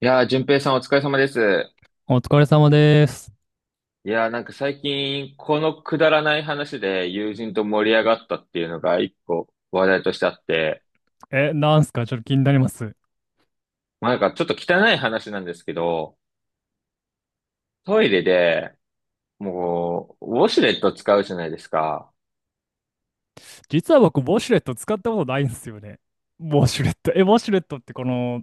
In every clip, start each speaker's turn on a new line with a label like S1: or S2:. S1: いやー、淳平さんお疲れ様です。
S2: お疲れ様です。
S1: いやー、最近、このくだらない話で友人と盛り上がったっていうのが一個話題としてあって、
S2: え、なんすかちょっと気になります。
S1: まあ、ちょっと汚い話なんですけど、トイレで、もう、ウォシュレット使うじゃないですか。
S2: 実は僕、ウォシュレット使ったことないんですよね。ウォシュレット。え、ウォシュレットってこの、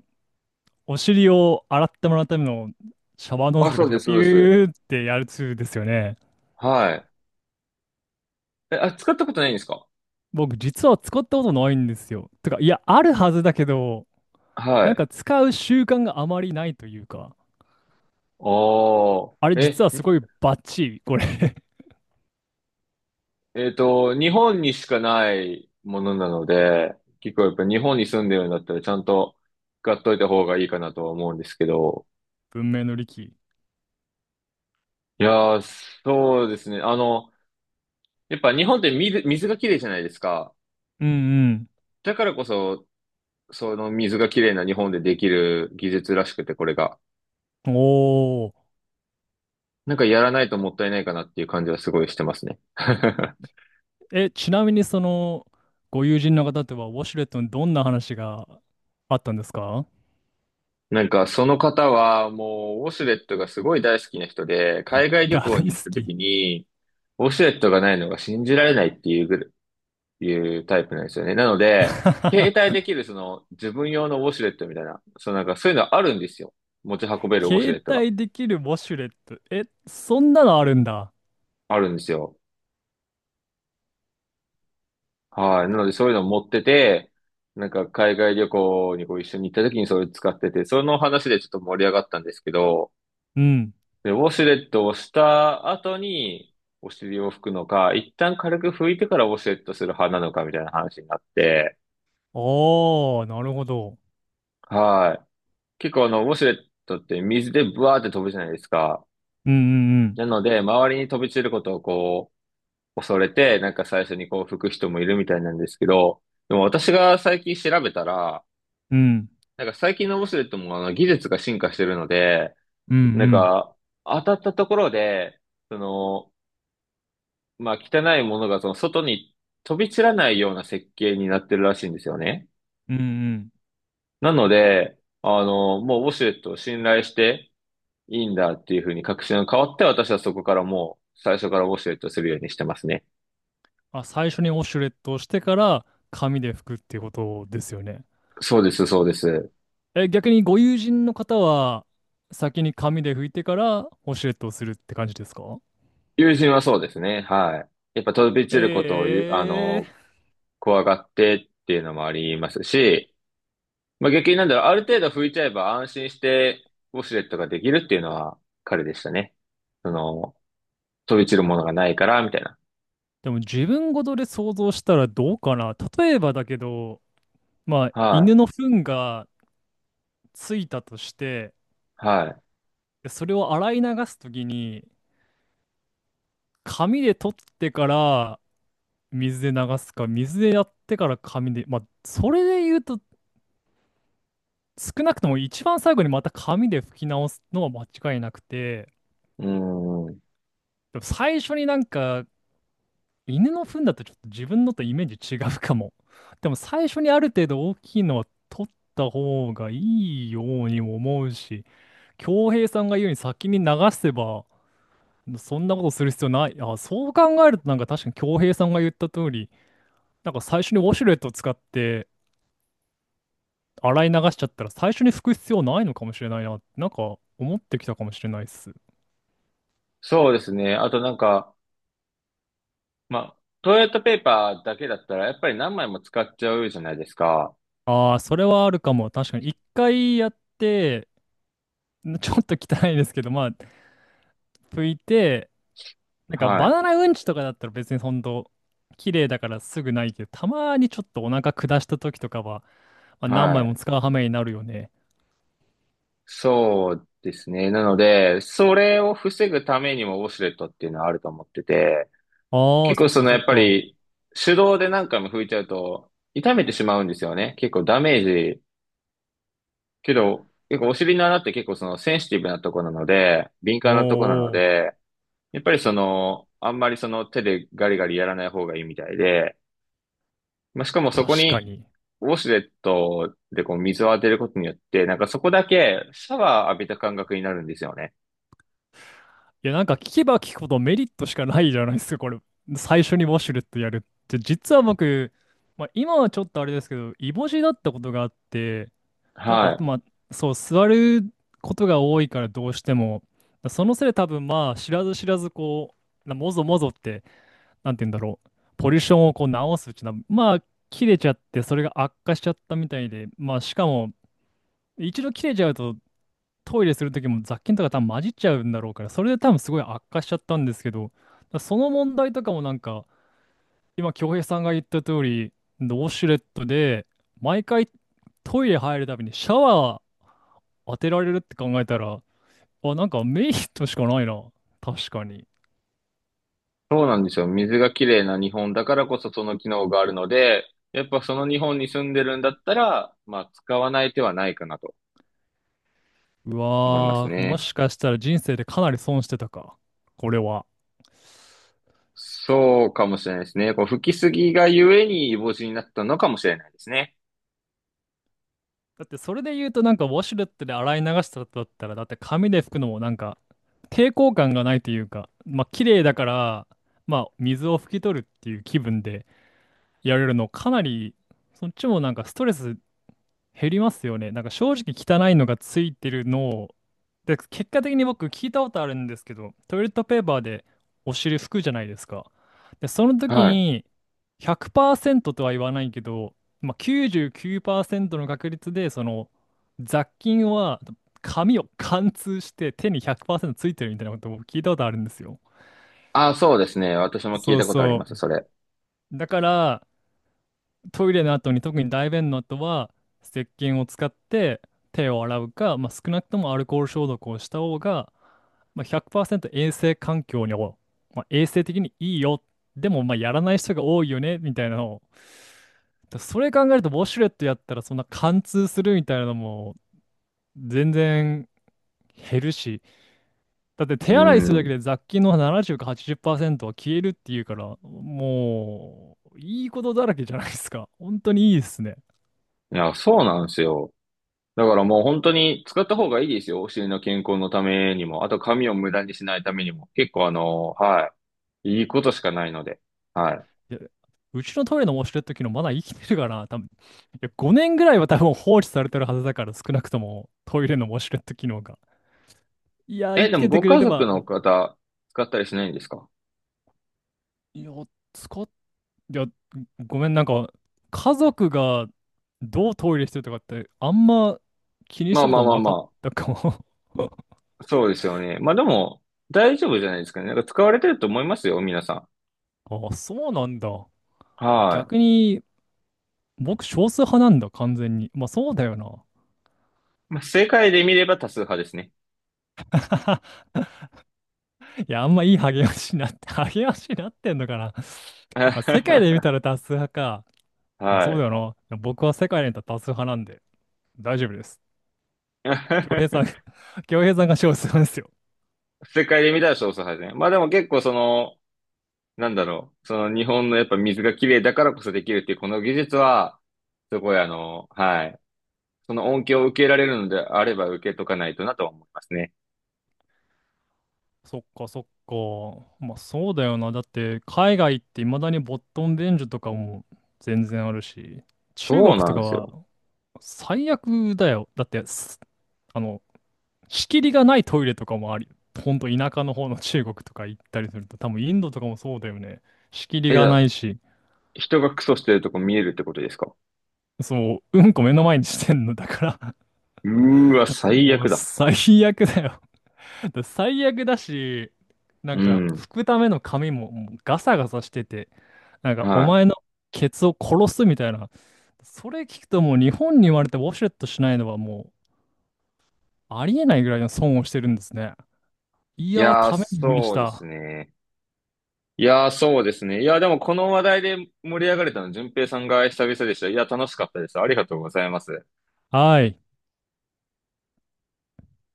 S2: お尻を洗ってもらうためのシャワーノ
S1: あ、
S2: ズル
S1: そ
S2: か
S1: う
S2: し
S1: で
S2: ら
S1: す、そ
S2: ピ
S1: うです。
S2: ューってやるツールですよね。
S1: はい。え、あ、使ったことないんですか？
S2: 僕、実は使ったことないんですよ。てか、いや、あるはずだけど、
S1: は
S2: なん
S1: い。
S2: か使う習慣があまりないというか、
S1: お
S2: あれ
S1: ー。
S2: 実は
S1: え、
S2: すごいバッチリ、これ
S1: 日本にしかないものなので、結構やっぱ日本に住んでるんだったらちゃんと使っといた方がいいかなとは思うんですけど、
S2: 文明の利器。
S1: いやー、そうですね。あの、やっぱ日本って水がきれいじゃないですか。
S2: うん
S1: だからこそ、その水がきれいな日本でできる技術らしくて、これが。
S2: うん。おー。
S1: なんかやらないともったいないかなっていう感じはすごいしてますね。
S2: え、ちなみにその、ご友人の方とは、ウォシュレットにどんな話があったんですか。
S1: なんかその方はもうウォシュレットがすごい大好きな人で、海外旅
S2: 大
S1: 行
S2: 好
S1: に行った
S2: き。
S1: 時に、ウォシュレットがないのが信じられないっていうぐらいうタイプなんですよね。なので、携帯 できるその自分用のウォシュレットみたいな、そのなんかそういうのあるんですよ。持ち運べるウォシュ
S2: 携
S1: レットが
S2: 帯できるウォシュレット。え、そんなのあるんだ。
S1: あるんですよ。はい。なのでそういうの持ってて、なんか海外旅行にこう一緒に行った時にそれ使ってて、その話でちょっと盛り上がったんですけど、
S2: うん。
S1: で、ウォシュレットをした後にお尻を拭くのか、一旦軽く拭いてからウォシュレットする派なのかみたいな話になって、
S2: おー、なるほど。
S1: はい。結構あの、ウォシュレットって水でブワーって飛ぶじゃないですか。
S2: うんうん
S1: なので、周りに飛び散ることをこう、恐れて、なんか最初にこう吹く人もいるみたいなんですけど、でも私が最近調べたら、
S2: うん。
S1: なんか最近のオシュレットもあの技術が進化してるので、
S2: うんう
S1: なん
S2: んうん。
S1: か当たったところで、その、まあ汚いものがその外に飛び散らないような設計になってるらしいんですよね。
S2: うんうん。
S1: なので、あの、もうウォシュレットを信頼していいんだっていうふうに確信が変わって、私はそこからもう最初からウォシュレットするようにしてますね。
S2: あ、最初にウォシュレットをしてから、紙で拭くっていうことですよね。
S1: そうです、そうです。
S2: え、逆にご友人の方は、先に紙で拭いてから、ウォシュレットをするって感じですか？
S1: 友人はそうですね。はい。やっぱ飛び散ることをあ
S2: え
S1: の、
S2: え。
S1: 怖がってっていうのもありますし、まあ、逆になんだろう、ある程度拭いちゃえば安心してウォシュレットができるっていうのは彼でしたね。その、飛び散るものがないから、みたいな。
S2: でも自分ごとで想像したらどうかな。例えばだけど、まあ、犬
S1: は
S2: の糞がついたとして、
S1: い。は
S2: それを洗い流すときに、紙で取ってから水で流すか、水でやってから紙で、まあ、それで言うと、少なくとも一番最後にまた紙で拭き直すのは間違いなくて、
S1: い。うん。
S2: でも最初になんか犬の糞だとちょっと自分のとイメージ違うかも。でも最初にある程度大きいのは取った方がいいようにも思うし、恭平さんが言うように先に流せば、そんなことする必要ない。あ、そう考えるとなんか確かに恭平さんが言った通り、なんか最初にウォシュレットを使って洗い流しちゃったら最初に拭く必要ないのかもしれないな、なんか思ってきたかもしれないっす。
S1: そうですね。あとなんか、まあ、トイレットペーパーだけだったら、やっぱり何枚も使っちゃうじゃないですか。
S2: ああ、それはあるかも。確かに一回やって、ちょっと汚いですけど、まあ、拭いて、なんか
S1: は
S2: バ
S1: い。
S2: ナナうんちとかだったら別にほんと綺麗だからすぐないけど、たまにちょっとお腹下した時とかは、まあ、何
S1: は
S2: 枚も
S1: い。
S2: 使う羽目になるよね。
S1: そうですね。なので、それを防ぐためにもウォシュレットっていうのはあると思ってて、
S2: ああ、
S1: 結
S2: そ
S1: 構
S2: っ
S1: そ
S2: か
S1: の
S2: そ
S1: や
S2: っ
S1: っぱ
S2: か。
S1: り手動で何回も拭いちゃうと痛めてしまうんですよね。結構ダメージ。けど、結構お尻の穴って結構そのセンシティブなとこなので、敏
S2: おー
S1: 感なとこなの
S2: お
S1: で、やっぱりその、あんまりその手でガリガリやらない方がいいみたいで、まあ、しかもそこ
S2: ー、確か
S1: に
S2: に。い
S1: ウォシュレットでこう水を当てることによって、なんかそこだけシャワー浴びた感覚になるんですよね。
S2: や、なんか聞けば聞くほどメリットしかないじゃないですか、これ。最初にウォシュレットやるって。実は僕、まあ、今はちょっとあれですけど、イボ痔だったことがあって、なん
S1: は
S2: か、
S1: い。
S2: まあ、そう、座ることが多いからどうしても、そのせいで多分まあ、知らず知らずこう、なもぞもぞって、なんて言うんだろう、ポジションをこう直すうちな、まあ、切れちゃって、それが悪化しちゃったみたいで、まあ、しかも、一度切れちゃうと、トイレするときも雑菌とか多分混じっちゃうんだろうから、それで多分すごい悪化しちゃったんですけど、その問題とかもなんか、今、京平さんが言った通り、ウォシュレットで、毎回トイレ入るたびにシャワー当てられるって考えたら、あ、なんかメリットしかないな。確かに。
S1: そうなんですよ。水がきれいな日本だからこそその機能があるので、やっぱその日本に住んでるんだったら、まあ使わない手はないかなと
S2: う
S1: 思います
S2: わー、も
S1: ね。
S2: しかしたら人生でかなり損してたか。これは。
S1: そうかもしれないですね。こう吹きすぎがゆえに帽子になったのかもしれないですね。
S2: だってそれで言うとなんかウォシュレットで洗い流した後だったら、だって紙で拭くのもなんか抵抗感がないというか、まあ綺麗だから、まあ水を拭き取るっていう気分でやれるのかなり、そっちもなんかストレス減りますよね。なんか正直汚いのがついてるのを、で、結果的に僕聞いたことあるんですけど、トイレットペーパーでお尻拭くじゃないですか。で、その時
S1: はい。
S2: に100%とは言わないけど、まあ、99%の確率でその雑菌は紙を貫通して手に100%ついてるみたいなことを僕聞いたことあるんですよ。
S1: あ、そうですね。私も聞い
S2: そう
S1: たことあり
S2: そ
S1: ます、それ。
S2: う。だから、トイレの後に特に大便の後は石鹸を使って手を洗うか、まあ、少なくともアルコール消毒をした方が、まあ、100%衛生環境にも、まあ、衛生的にいいよ。でもまあやらない人が多いよねみたいなのを。だそれ考えるとウォシュレットやったらそんな貫通するみたいなのも全然減るし、だって
S1: う
S2: 手洗いするだ
S1: ん。
S2: け
S1: い
S2: で雑菌の70か80%は消えるっていうから、もういいことだらけじゃないですか。本当にいいですね。
S1: や、そうなんですよ。だからもう本当に使った方がいいですよ。お尻の健康のためにも。あと髪を無駄にしないためにも。結構あの、はい。いいことしかないので。はい。
S2: いや、うちのトイレのウォシュレット機能まだ生きてるかな多分。いや、5年ぐらいは多分放置されてるはずだから、少なくともトイレのウォシュレット機能が。いや、
S1: え、
S2: 生
S1: で
S2: き
S1: も
S2: てて
S1: ご
S2: くれ
S1: 家
S2: れ
S1: 族
S2: ば、
S1: の方、使ったりしないんですか？
S2: いや、使っ、いや、ごめん、なんか、家族がどうトイレしてるとかって、あんま気にし
S1: まあ
S2: たこ
S1: まあ
S2: と
S1: まあ
S2: なかっ
S1: ま
S2: たかも。
S1: あ、そうですよね。まあでも、大丈夫じゃないですかね。なんか使われてると思いますよ、皆さん。
S2: あ、そうなんだ。あ
S1: は
S2: 逆に、僕少数派なんだ、完全に。まあ、そうだよな。
S1: い。まあ、世界で見れば多数派ですね。
S2: いや、あんまいい励ましになって、励ましになってんのかな。まあ、世界で見た ら多数派か。でも
S1: は
S2: そう
S1: い。
S2: だよな。でも僕は世界で見たら多数派なんで、大丈夫です。恭平さん、恭平さんが少数派ですよ。
S1: 世界で見たら少数派ですね。まあでも結構その、なんだろう、その日本のやっぱ水が綺麗だからこそできるっていうこの技術は、すごいあの、はい。その恩恵を受けられるのであれば受けとかないとなとは思いますね。
S2: そっかそっか。まあそうだよな。だって海外って未だにボットン伝授とかも全然あるし、中
S1: そ
S2: 国
S1: うな
S2: と
S1: ん
S2: か
S1: です
S2: は
S1: よ。
S2: 最悪だよ。だってす、あの、仕切りがないトイレとかもあり、ほんと田舎の方の中国とか行ったりすると、多分インドとかもそうだよね。仕切り
S1: え、じ
S2: が
S1: ゃ
S2: な
S1: あ
S2: いし、
S1: 人がクソしてるとこ見えるってことですか？
S2: そう、うんこ目の前にしてんの。だから
S1: うーわ、最
S2: もう
S1: 悪だ。
S2: 最悪だよ。だから最悪だし、な
S1: う
S2: んか
S1: ん。
S2: 拭くための紙ももうガサガサしてて、なんかお
S1: は
S2: 前のケツを殺すみたいな。それ聞くともう日本に生まれてウォシュレットしないのはもうありえないぐらいの損をしてるんですね。い
S1: い。い
S2: やー、
S1: やー、
S2: ためになりまし
S1: そうです
S2: た。
S1: ね。いやー、そうですね。いやー、でもこの話題で盛り上がれたの、淳平さんが久々でした。いや、楽しかったです。ありがとうございます。
S2: はい。